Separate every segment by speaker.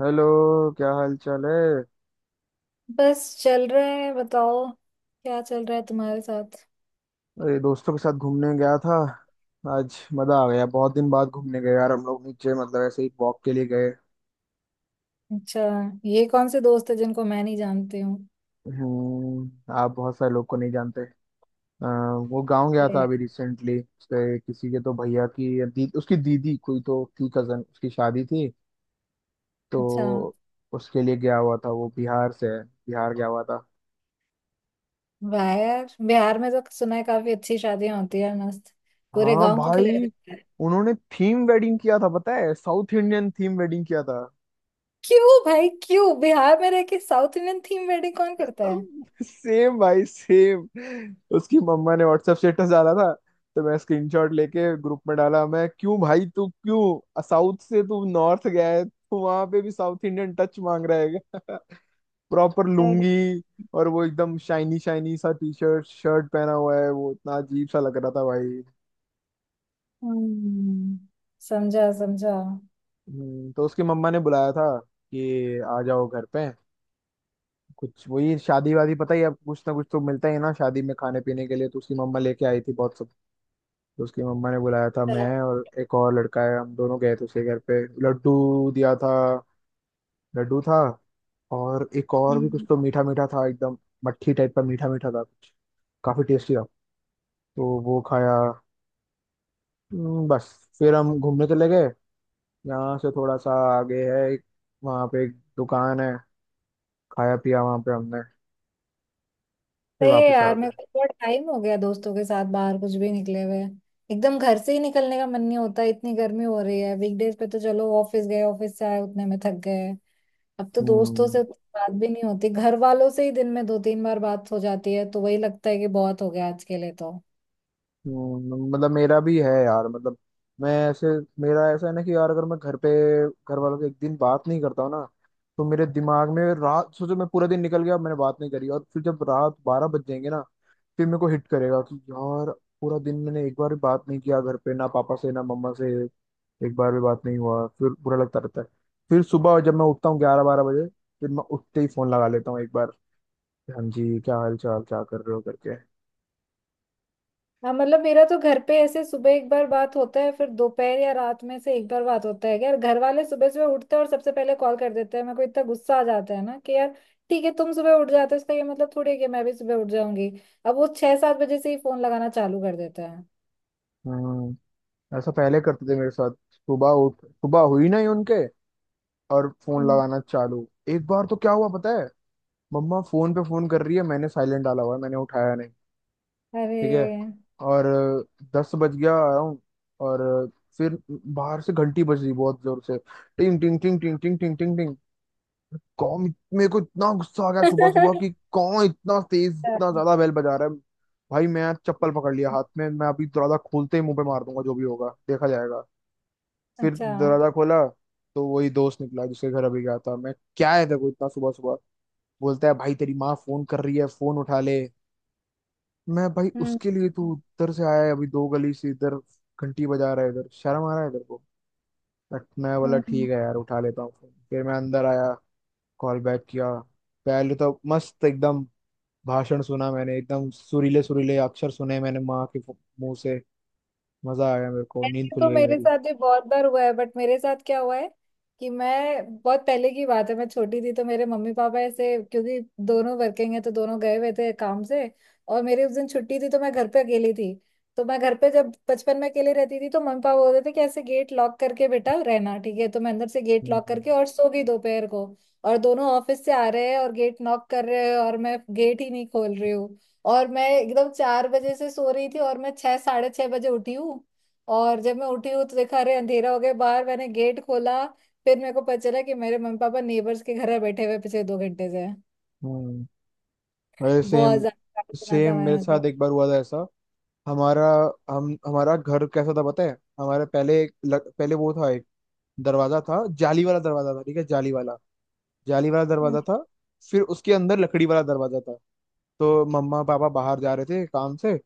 Speaker 1: Hello. क्या हाल चाल है?
Speaker 2: बस चल रहा है। बताओ क्या चल रहा है तुम्हारे साथ।
Speaker 1: अरे दोस्तों के साथ घूमने गया था। आज मजा आ गया, बहुत दिन बाद घूमने गए यार। हम लोग नीचे मतलब ऐसे ही वॉक के लिए गए।
Speaker 2: अच्छा, ये कौन से दोस्त है जिनको मैं नहीं जानती हूँ?
Speaker 1: हम्म, आप बहुत सारे लोग को नहीं जानते। अ, वो गांव गया था
Speaker 2: Yeah.
Speaker 1: अभी रिसेंटली। उसके किसी के तो उसकी दीदी कोई तो थी, कजन, उसकी शादी थी।
Speaker 2: अच्छा।
Speaker 1: तो उसके लिए गया हुआ था। वो बिहार से है, बिहार गया हुआ था।
Speaker 2: वाह यार, बिहार में तो सुना है काफी अच्छी शादियां होती है मस्त। पूरे
Speaker 1: हाँ
Speaker 2: गांव को खिलाया
Speaker 1: भाई।
Speaker 2: जाता है।
Speaker 1: उन्होंने थीम वेडिंग किया था, पता है? साउथ इंडियन थीम वेडिंग किया था।
Speaker 2: क्यों भाई क्यों, बिहार में रह के साउथ इंडियन थीम वेडिंग कौन करता है?
Speaker 1: सेम भाई सेम। उसकी मम्मा ने व्हाट्सएप स्टेटस डाला था, तो मैं स्क्रीनशॉट लेके ग्रुप में डाला। मैं, क्यों भाई, तू क्यों साउथ से तू नॉर्थ गया है, तू वहां पे भी साउथ इंडियन टच मांग रहा है क्या? प्रॉपर
Speaker 2: अरे।
Speaker 1: लुंगी, और वो एकदम शाइनी शाइनी सा टी शर्ट शर्ट पहना हुआ है। वो इतना अजीब सा लग रहा था भाई।
Speaker 2: हम्म, समझा समझा।
Speaker 1: तो उसकी मम्मा ने बुलाया था कि आ जाओ घर पे। कुछ वही शादी वादी पता ही है, अब कुछ ना कुछ तो मिलता ही है ना शादी में खाने पीने के लिए, तो उसकी मम्मा लेके आई थी बहुत। तो उसकी मम्मा ने बुलाया था। मैं और एक और लड़का है, हम दोनों गए थे उसके घर पे। लड्डू दिया था, लड्डू था। और एक और भी कुछ
Speaker 2: हम्म।
Speaker 1: तो मीठा मीठा था एकदम। मट्ठी टाइप का मीठा मीठा था कुछ। काफी टेस्टी था, तो वो खाया। बस। फिर हम घूमने चले गए। यहाँ से थोड़ा सा आगे है एक, वहाँ पे एक दुकान है। खाया पिया वहाँ पे हमने, फिर
Speaker 2: सही है
Speaker 1: वापस आ
Speaker 2: यार, मेरे
Speaker 1: गए।
Speaker 2: को बहुत टाइम हो गया दोस्तों के साथ बाहर कुछ भी निकले हुए। एकदम घर से ही निकलने का मन नहीं होता। इतनी गर्मी हो रही है, वीकडेज पे तो चलो ऑफिस गए, ऑफिस से आए, उतने में थक गए। अब तो दोस्तों से
Speaker 1: हम्म।
Speaker 2: उतनी बात भी नहीं होती। घर वालों से ही दिन में 2 3 बार बात हो जाती है तो वही लगता है कि बहुत हो गया आज के लिए तो।
Speaker 1: मतलब मेरा भी है यार। मतलब मैं ऐसे, मेरा ऐसा है ना कि यार, अगर मैं घर पे, घर वालों से एक दिन बात नहीं करता हूँ ना, तो मेरे दिमाग में रात, सोचो मैं पूरा दिन निकल गया, मैंने बात नहीं करी, और फिर जब रात 12 बज जाएंगे ना, फिर मेरे को हिट करेगा कि यार पूरा दिन मैंने एक बार भी बात नहीं किया घर पे, ना पापा से ना मम्मा से, एक बार भी बात नहीं हुआ, फिर बुरा लगता रहता है। फिर सुबह जब मैं उठता हूँ 11 12 बजे, फिर मैं उठते ही फोन लगा लेता हूँ एक बार। हाँ जी, क्या हाल चाल, क्या कर रहे हो, करके।
Speaker 2: हाँ, मतलब मेरा तो घर पे ऐसे सुबह एक बार बात होता है, फिर दोपहर या रात में से एक बार बात होता है। यार घर वाले सुबह सुबह उठते हैं और सबसे पहले कॉल कर देते हैं, मेरे को इतना गुस्सा आ जाता है ना कि यार। ठीक है तुम सुबह उठ जाते हो, इसका ये मतलब थोड़ी है कि मैं भी सुबह उठ जाऊंगी। अब वो 6 7 बजे से ही फोन लगाना चालू कर देता है।
Speaker 1: हम्म, ऐसा पहले करते थे मेरे साथ। सुबह उठ, सुबह हुई नहीं उनके, और फोन
Speaker 2: हम्म।
Speaker 1: लगाना चालू। एक बार तो क्या हुआ पता है, मम्मा फोन पे फोन कर रही है, मैंने साइलेंट डाला हुआ है, मैंने उठाया नहीं।
Speaker 2: अरे।
Speaker 1: ठीक है, और 10 बज गया अराउंड। और फिर बाहर से घंटी बज रही बहुत जोर से। टिंग टिंग टिंग टिंग टिंग टिंग टिंग टिंग। कौन, मेरे को इतना गुस्सा आ गया सुबह
Speaker 2: अच्छा।
Speaker 1: सुबह कि कौन इतना तेज इतना ज्यादा बेल बजा रहा है। भाई मैं आज चप्पल पकड़ लिया हाथ में, मैं अभी दरवाजा खोलते ही मुंह पे मार दूंगा जो भी होगा देखा जाएगा। फिर
Speaker 2: अच्छा,
Speaker 1: दरवाजा खोला, तो वही दोस्त निकला जिसके घर अभी गया था मैं। क्या है, देखो, इतना सुबह सुबह। बोलता है भाई तेरी माँ फोन कर रही है, फोन उठा ले। मैं, भाई
Speaker 2: हम्म।
Speaker 1: उसके लिए तू उधर से आया है अभी, दो गली से इधर घंटी बजा रहा है, इधर शर्म आ रहा है इधर को। बट मैं बोला
Speaker 2: हम्म।
Speaker 1: ठीक है यार, उठा लेता हूँ फोन। फिर मैं अंदर आया, कॉल बैक किया। पहले तो मस्त एकदम भाषण सुना मैंने, एकदम सुरीले सुरीले अक्षर सुने मैंने माँ के मुंह से। मजा आया, मेरे को नींद
Speaker 2: ऐसे
Speaker 1: खुल
Speaker 2: तो
Speaker 1: गई
Speaker 2: मेरे
Speaker 1: मेरी।
Speaker 2: साथ भी बहुत बार हुआ है, बट मेरे साथ क्या हुआ है कि मैं बहुत पहले की बात है मैं छोटी थी तो मेरे मम्मी पापा ऐसे, क्योंकि दोनों वर्किंग है तो दोनों गए हुए थे काम से। और मेरी उस दिन छुट्टी थी तो मैं घर पे अकेली थी। तो मैं घर पे जब बचपन में अकेले रहती थी तो मम्मी पापा बोलते थे कि ऐसे गेट लॉक करके बेटा रहना, ठीक है तो मैं अंदर से गेट लॉक
Speaker 1: हम्म।
Speaker 2: करके और सो गई दोपहर को। और दोनों ऑफिस से आ रहे हैं और गेट नॉक कर रहे हैं और मैं गेट ही नहीं खोल रही हूँ। और मैं एकदम 4 बजे से सो रही थी और मैं 6 साढ़े 6 बजे उठी हूँ। और जब मैं उठी हूँ तो देखा, अरे अंधेरा हो गया बाहर, मैंने गेट खोला। फिर मेरे को पता चला कि मेरे मम्मी पापा नेबर्स के घर में बैठे हुए पिछले 2 घंटे से हैं।
Speaker 1: हम्म, अरे
Speaker 2: बहुत
Speaker 1: सेम।
Speaker 2: ज्यादा सुना था
Speaker 1: सेम मेरे
Speaker 2: मैंने
Speaker 1: साथ
Speaker 2: तो।
Speaker 1: एक बार हुआ था ऐसा। हमारा, हम हमारा घर कैसा था पता है, हमारे पहले एक पहले वो था एक दरवाजा था, जाली वाला दरवाजा था, ठीक है? जाली वाला, जाली वाला
Speaker 2: हम्म,
Speaker 1: दरवाजा था। फिर उसके अंदर लकड़ी वाला दरवाजा था। तो मम्मा पापा बाहर जा रहे थे काम से,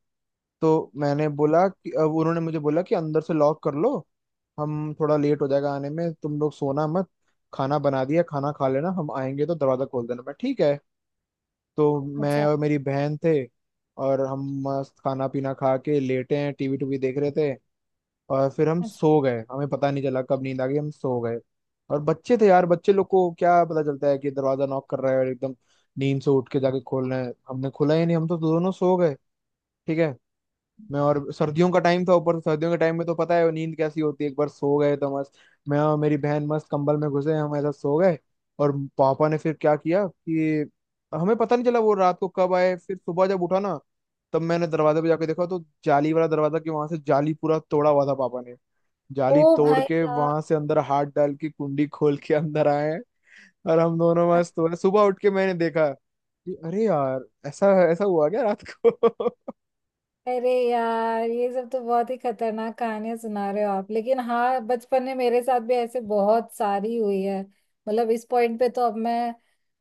Speaker 1: तो मैंने बोला कि, अब उन्होंने मुझे बोला कि अंदर से लॉक कर लो, हम थोड़ा लेट हो जाएगा आने में, तुम लोग सोना मत, खाना बना दिया, खाना खा लेना, हम आएंगे तो दरवाजा खोल देना। मैं, ठीक है। तो मैं
Speaker 2: अच्छा।
Speaker 1: और मेरी बहन थे, और हम मस्त खाना पीना खा के लेटे हैं, टीवी टूवी देख रहे थे, और फिर हम
Speaker 2: अच्छा।
Speaker 1: सो गए। हमें पता नहीं चला कब नींद आ गई, हम सो गए। और बच्चे थे यार, बच्चे लोग को क्या पता चलता है कि दरवाजा नॉक कर रहा है, और एकदम नींद से उठ के जाके खोलना है। हमने खोला ही नहीं, हम तो दोनों सो गए। ठीक है। मैं और सर्दियों का टाइम था ऊपर से, सर्दियों के टाइम में तो पता है वो नींद कैसी होती है, एक बार सो गए तो मस्त। मैं और मेरी बहन मस्त कंबल में घुसे, हम ऐसा सो गए। और पापा ने फिर क्या किया कि, हमें पता नहीं चला वो रात को कब आए। फिर सुबह जब उठा ना, तब मैंने दरवाजे पे जाके देखा तो जाली वाला दरवाजा, कि वहां से जाली पूरा तोड़ा हुआ था पापा ने।
Speaker 2: ओ।
Speaker 1: जाली तोड़
Speaker 2: भाई
Speaker 1: के
Speaker 2: साहब।
Speaker 1: वहां से अंदर हाथ डाल के कुंडी खोल के अंदर आए हैं। और हम दोनों मस्त हुए, सुबह उठ के मैंने देखा कि अरे यार ऐसा ऐसा हुआ क्या रात को।
Speaker 2: अरे यार, ये सब तो बहुत ही खतरनाक कहानियां सुना रहे हो आप, लेकिन हाँ, बचपन में मेरे साथ भी ऐसे बहुत सारी हुई है। मतलब इस पॉइंट पे तो अब मैं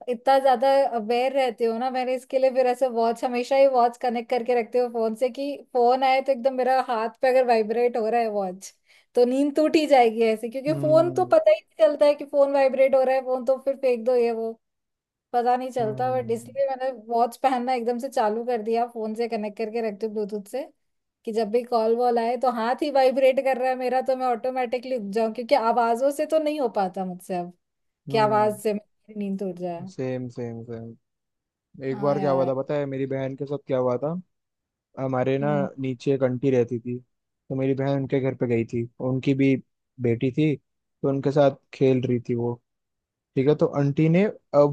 Speaker 2: इतना ज्यादा अवेयर रहती हूँ ना, मैंने इसके लिए फिर ऐसे वॉच हमेशा ही वॉच कनेक्ट करके रखती हूँ फोन से, कि फोन आए तो एकदम मेरा हाथ पे अगर वाइब्रेट हो रहा है वॉच तो नींद टूट ही जाएगी ऐसे। क्योंकि फोन तो
Speaker 1: हम्म।
Speaker 2: पता ही नहीं चलता है कि फोन वाइब्रेट हो रहा है, फोन तो फिर फेंक दो ये, पता नहीं चलता। बट
Speaker 1: हम्म।
Speaker 2: इसलिए मैंने वॉच पहनना एकदम से चालू कर दिया, फोन से कनेक्ट करके रखती हूँ ब्लूटूथ से कि जब भी कॉल वॉल आए तो हाथ ही वाइब्रेट कर रहा है मेरा तो मैं ऑटोमेटिकली उठ जाऊं, क्योंकि आवाजों से तो नहीं हो पाता मुझसे अब कि आवाज
Speaker 1: हम्म,
Speaker 2: से मेरी नींद उड़ जाए।
Speaker 1: Same same same. एक
Speaker 2: हाँ
Speaker 1: बार क्या हुआ
Speaker 2: यार।
Speaker 1: था पता है, मेरी बहन के साथ क्या हुआ था। हमारे ना
Speaker 2: हम्म।
Speaker 1: नीचे एक आंटी रहती थी, तो मेरी बहन उनके घर पे गई थी। उनकी भी बेटी थी, तो उनके साथ खेल रही थी वो। ठीक है। तो आंटी ने,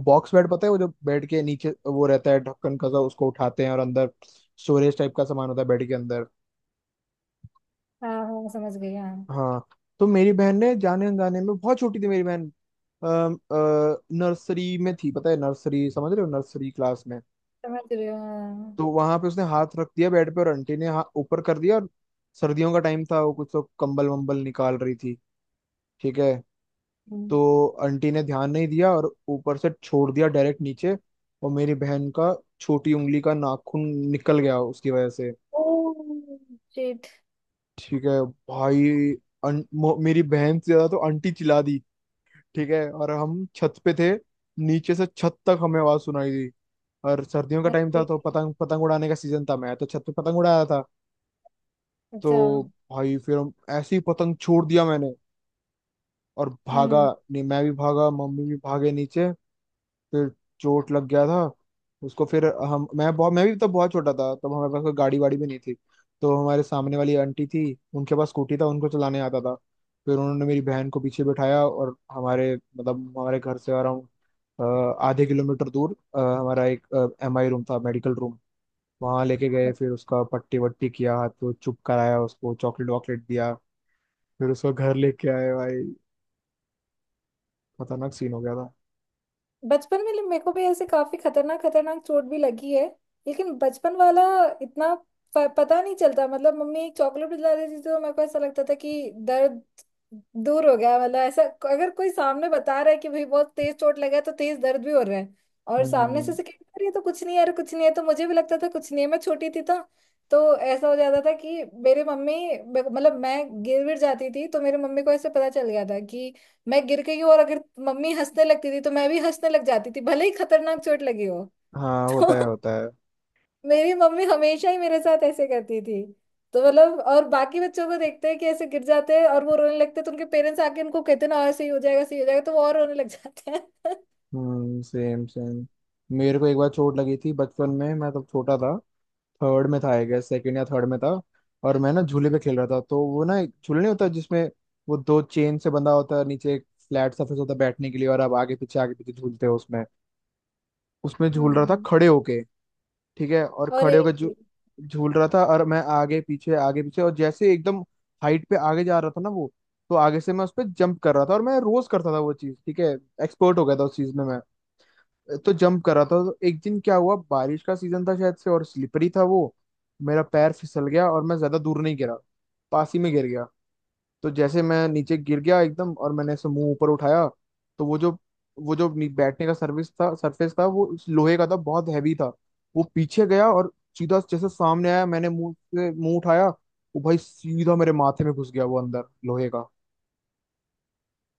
Speaker 1: बॉक्स बेड पता है, वो जो बेड के नीचे वो रहता है ढक्कन का सा, उसको उठाते हैं और अंदर स्टोरेज टाइप का सामान होता है बेड के अंदर।
Speaker 2: हाँ हाँ, समझ गई हाँ।
Speaker 1: हाँ। तो मेरी बहन ने जाने अनजाने में, बहुत छोटी थी मेरी बहन, नर्सरी में थी, पता है नर्सरी, समझ रहे हो, नर्सरी क्लास में।
Speaker 2: समझ रही हूँ हाँ, हाँ।
Speaker 1: तो वहां पे उसने हाथ रख दिया बेड पे, और आंटी ने हाथ ऊपर कर दिया और, सर्दियों का टाइम था, वो कुछ तो कंबल वंबल निकाल रही थी, ठीक है?
Speaker 2: हम्म।
Speaker 1: तो आंटी ने ध्यान नहीं दिया और ऊपर से छोड़ दिया डायरेक्ट नीचे, और मेरी बहन का छोटी उंगली का नाखून निकल गया उसकी वजह से।
Speaker 2: ओह। शिट।
Speaker 1: ठीक है। भाई, मेरी बहन से ज्यादा तो आंटी चिल्ला दी, ठीक है? और हम छत पे थे, नीचे से छत तक हमें आवाज सुनाई दी। और सर्दियों का टाइम था तो पतंग, पतंग उड़ाने का सीजन था, मैं तो छत पे पतंग उड़ा रहा था।
Speaker 2: अच्छा।
Speaker 1: तो भाई फिर हम, ऐसे ही पतंग छोड़ दिया मैंने, और भागा।
Speaker 2: हम्म।
Speaker 1: नहीं, मैं भी भागा मम्मी भी भागे नीचे। फिर चोट लग गया था उसको। फिर हम मैं बहुत मैं भी तब बहुत छोटा था। तब हमारे पास कोई गाड़ी वाड़ी भी नहीं थी, तो हमारे सामने वाली आंटी थी, उनके पास स्कूटी था, उनको चलाने आता था। फिर उन्होंने मेरी बहन को पीछे बिठाया, और हमारे मतलब हमारे घर से अराउंड आधे किलोमीटर दूर, हमारा एक एम आई रूम था, मेडिकल रूम। वहां लेके गए, फिर उसका पट्टी वट्टी किया, हाथ को चुप कराया, उसको चॉकलेट वॉकलेट दिया, फिर उसको घर लेके आए भाई। खतरनाक सीन हो गया था।
Speaker 2: बचपन में मेरे को भी ऐसे काफी खतरनाक खतरनाक चोट भी लगी है। लेकिन बचपन वाला इतना पता नहीं चलता, मतलब मम्मी एक चॉकलेट दिला देती थी तो मेरे को ऐसा लगता था कि दर्द दूर हो गया, मतलब ऐसा। अगर कोई सामने बता रहा है कि भाई बहुत तेज चोट लगा है तो तेज दर्द भी हो रहा है, और सामने से
Speaker 1: हम्म।
Speaker 2: से कह रही है तो कुछ नहीं है, अरे कुछ नहीं है तो मुझे भी लगता था कुछ नहीं है। मैं छोटी थी तो ऐसा हो जाता था कि मेरे मम्मी, मतलब मैं गिर गिर जाती थी तो मेरे मम्मी को ऐसे पता चल गया था कि मैं गिर गई हूँ, और अगर मम्मी हंसने लगती थी तो मैं भी हंसने लग जाती थी भले ही खतरनाक चोट लगी हो।
Speaker 1: हाँ होता
Speaker 2: तो
Speaker 1: है, होता है।
Speaker 2: मेरी मम्मी हमेशा ही मेरे साथ ऐसे करती थी। तो मतलब और बाकी बच्चों को देखते हैं कि ऐसे गिर जाते हैं और वो रोने लगते हैं, तो उनके पेरेंट्स आके उनको कहते हैं ना ऐसे ही हो जाएगा, सही हो जाएगा, तो वो और रोने लग जाते हैं।
Speaker 1: हम्म, सेम सेम। मेरे को एक बार चोट लगी थी बचपन में। मैं तब छोटा था, थर्ड में था आई गेस, सेकेंड या थर्ड में था। और मैं ना झूले पे खेल रहा था, तो वो ना एक झूले नहीं होता जिसमें वो दो चेन से बंधा होता है, नीचे एक फ्लैट सरफेस होता है बैठने के लिए, और आप आगे पीछे झूलते हो उसमें। उसमें झूल रहा था
Speaker 2: हम्म।
Speaker 1: खड़े होके, ठीक है? और
Speaker 2: और
Speaker 1: खड़े होकर झू
Speaker 2: ये-
Speaker 1: झूल रहा था, और मैं आगे पीछे आगे पीछे, और जैसे एकदम हाइट पे आगे जा रहा था ना वो, तो आगे से मैं उस पर जंप कर रहा था, और मैं रोज करता था वो चीज ठीक है, एक्सपर्ट हो गया था उस चीज में मैं। तो जंप कर रहा था, तो एक दिन क्या हुआ, बारिश का सीजन था शायद से और स्लिपरी था वो। मेरा पैर फिसल गया और मैं ज्यादा दूर नहीं गिरा, पास ही में गिर गया। तो जैसे मैं नीचे गिर गया एकदम, और मैंने ऐसे मुंह ऊपर उठाया, तो वो जो, वो जो बैठने का सर्विस था, सरफेस था, वो इस लोहे का था, बहुत हैवी था। वो पीछे गया, और सीधा जैसे सामने आया, मैंने मुंह से मुंह उठाया, वो भाई सीधा मेरे माथे में घुस गया, वो अंदर लोहे का।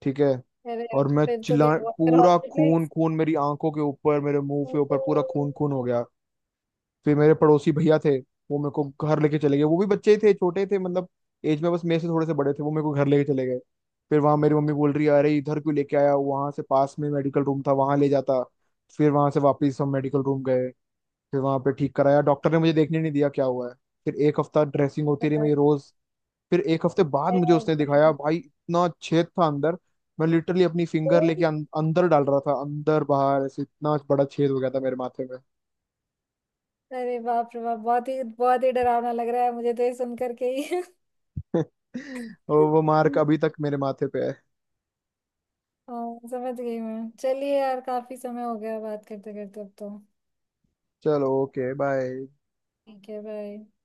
Speaker 1: ठीक है,
Speaker 2: अरे यार।
Speaker 1: और मैं
Speaker 2: फिर तो
Speaker 1: चिल्ला,
Speaker 2: क्या हुआ? फिर
Speaker 1: पूरा खून
Speaker 2: hospitalized?
Speaker 1: खून मेरी आंखों के ऊपर मेरे मुंह
Speaker 2: तो
Speaker 1: के ऊपर, पूरा खून खून
Speaker 2: तो-
Speaker 1: हो गया। फिर मेरे पड़ोसी भैया थे, वो मेरे को घर लेके चले गए। वो भी बच्चे ही थे, छोटे थे मतलब, एज में बस मेरे से थोड़े से बड़े थे। वो मेरे को घर लेके चले गए, फिर वहां मेरी मम्मी बोल रही है अरे इधर क्यों लेके आया, वहां से पास में मेडिकल रूम था, वहां ले जाता। फिर वहां से वापस हम मेडिकल रूम गए, फिर वहां पे ठीक कराया, डॉक्टर ने मुझे देखने नहीं दिया क्या हुआ है। फिर एक हफ्ता ड्रेसिंग होती रही मेरी रोज। फिर एक हफ्ते बाद मुझे उसने दिखाया, भाई इतना छेद था अंदर, मैं लिटरली अपनी फिंगर लेके अंदर डाल रहा था, अंदर बाहर ऐसे, इतना बड़ा छेद हो गया था मेरे माथे में।
Speaker 2: अरे बाप रे बाप, बहुत ही डरावना लग रहा है मुझे तो ये सुन करके ही।
Speaker 1: और वो मार्क अभी तक मेरे माथे पे है।
Speaker 2: हाँ समझ गई मैं, चलिए यार काफी समय हो गया बात करते करते अब तो।
Speaker 1: चलो, ओके बाय।
Speaker 2: ठीक है, बाय।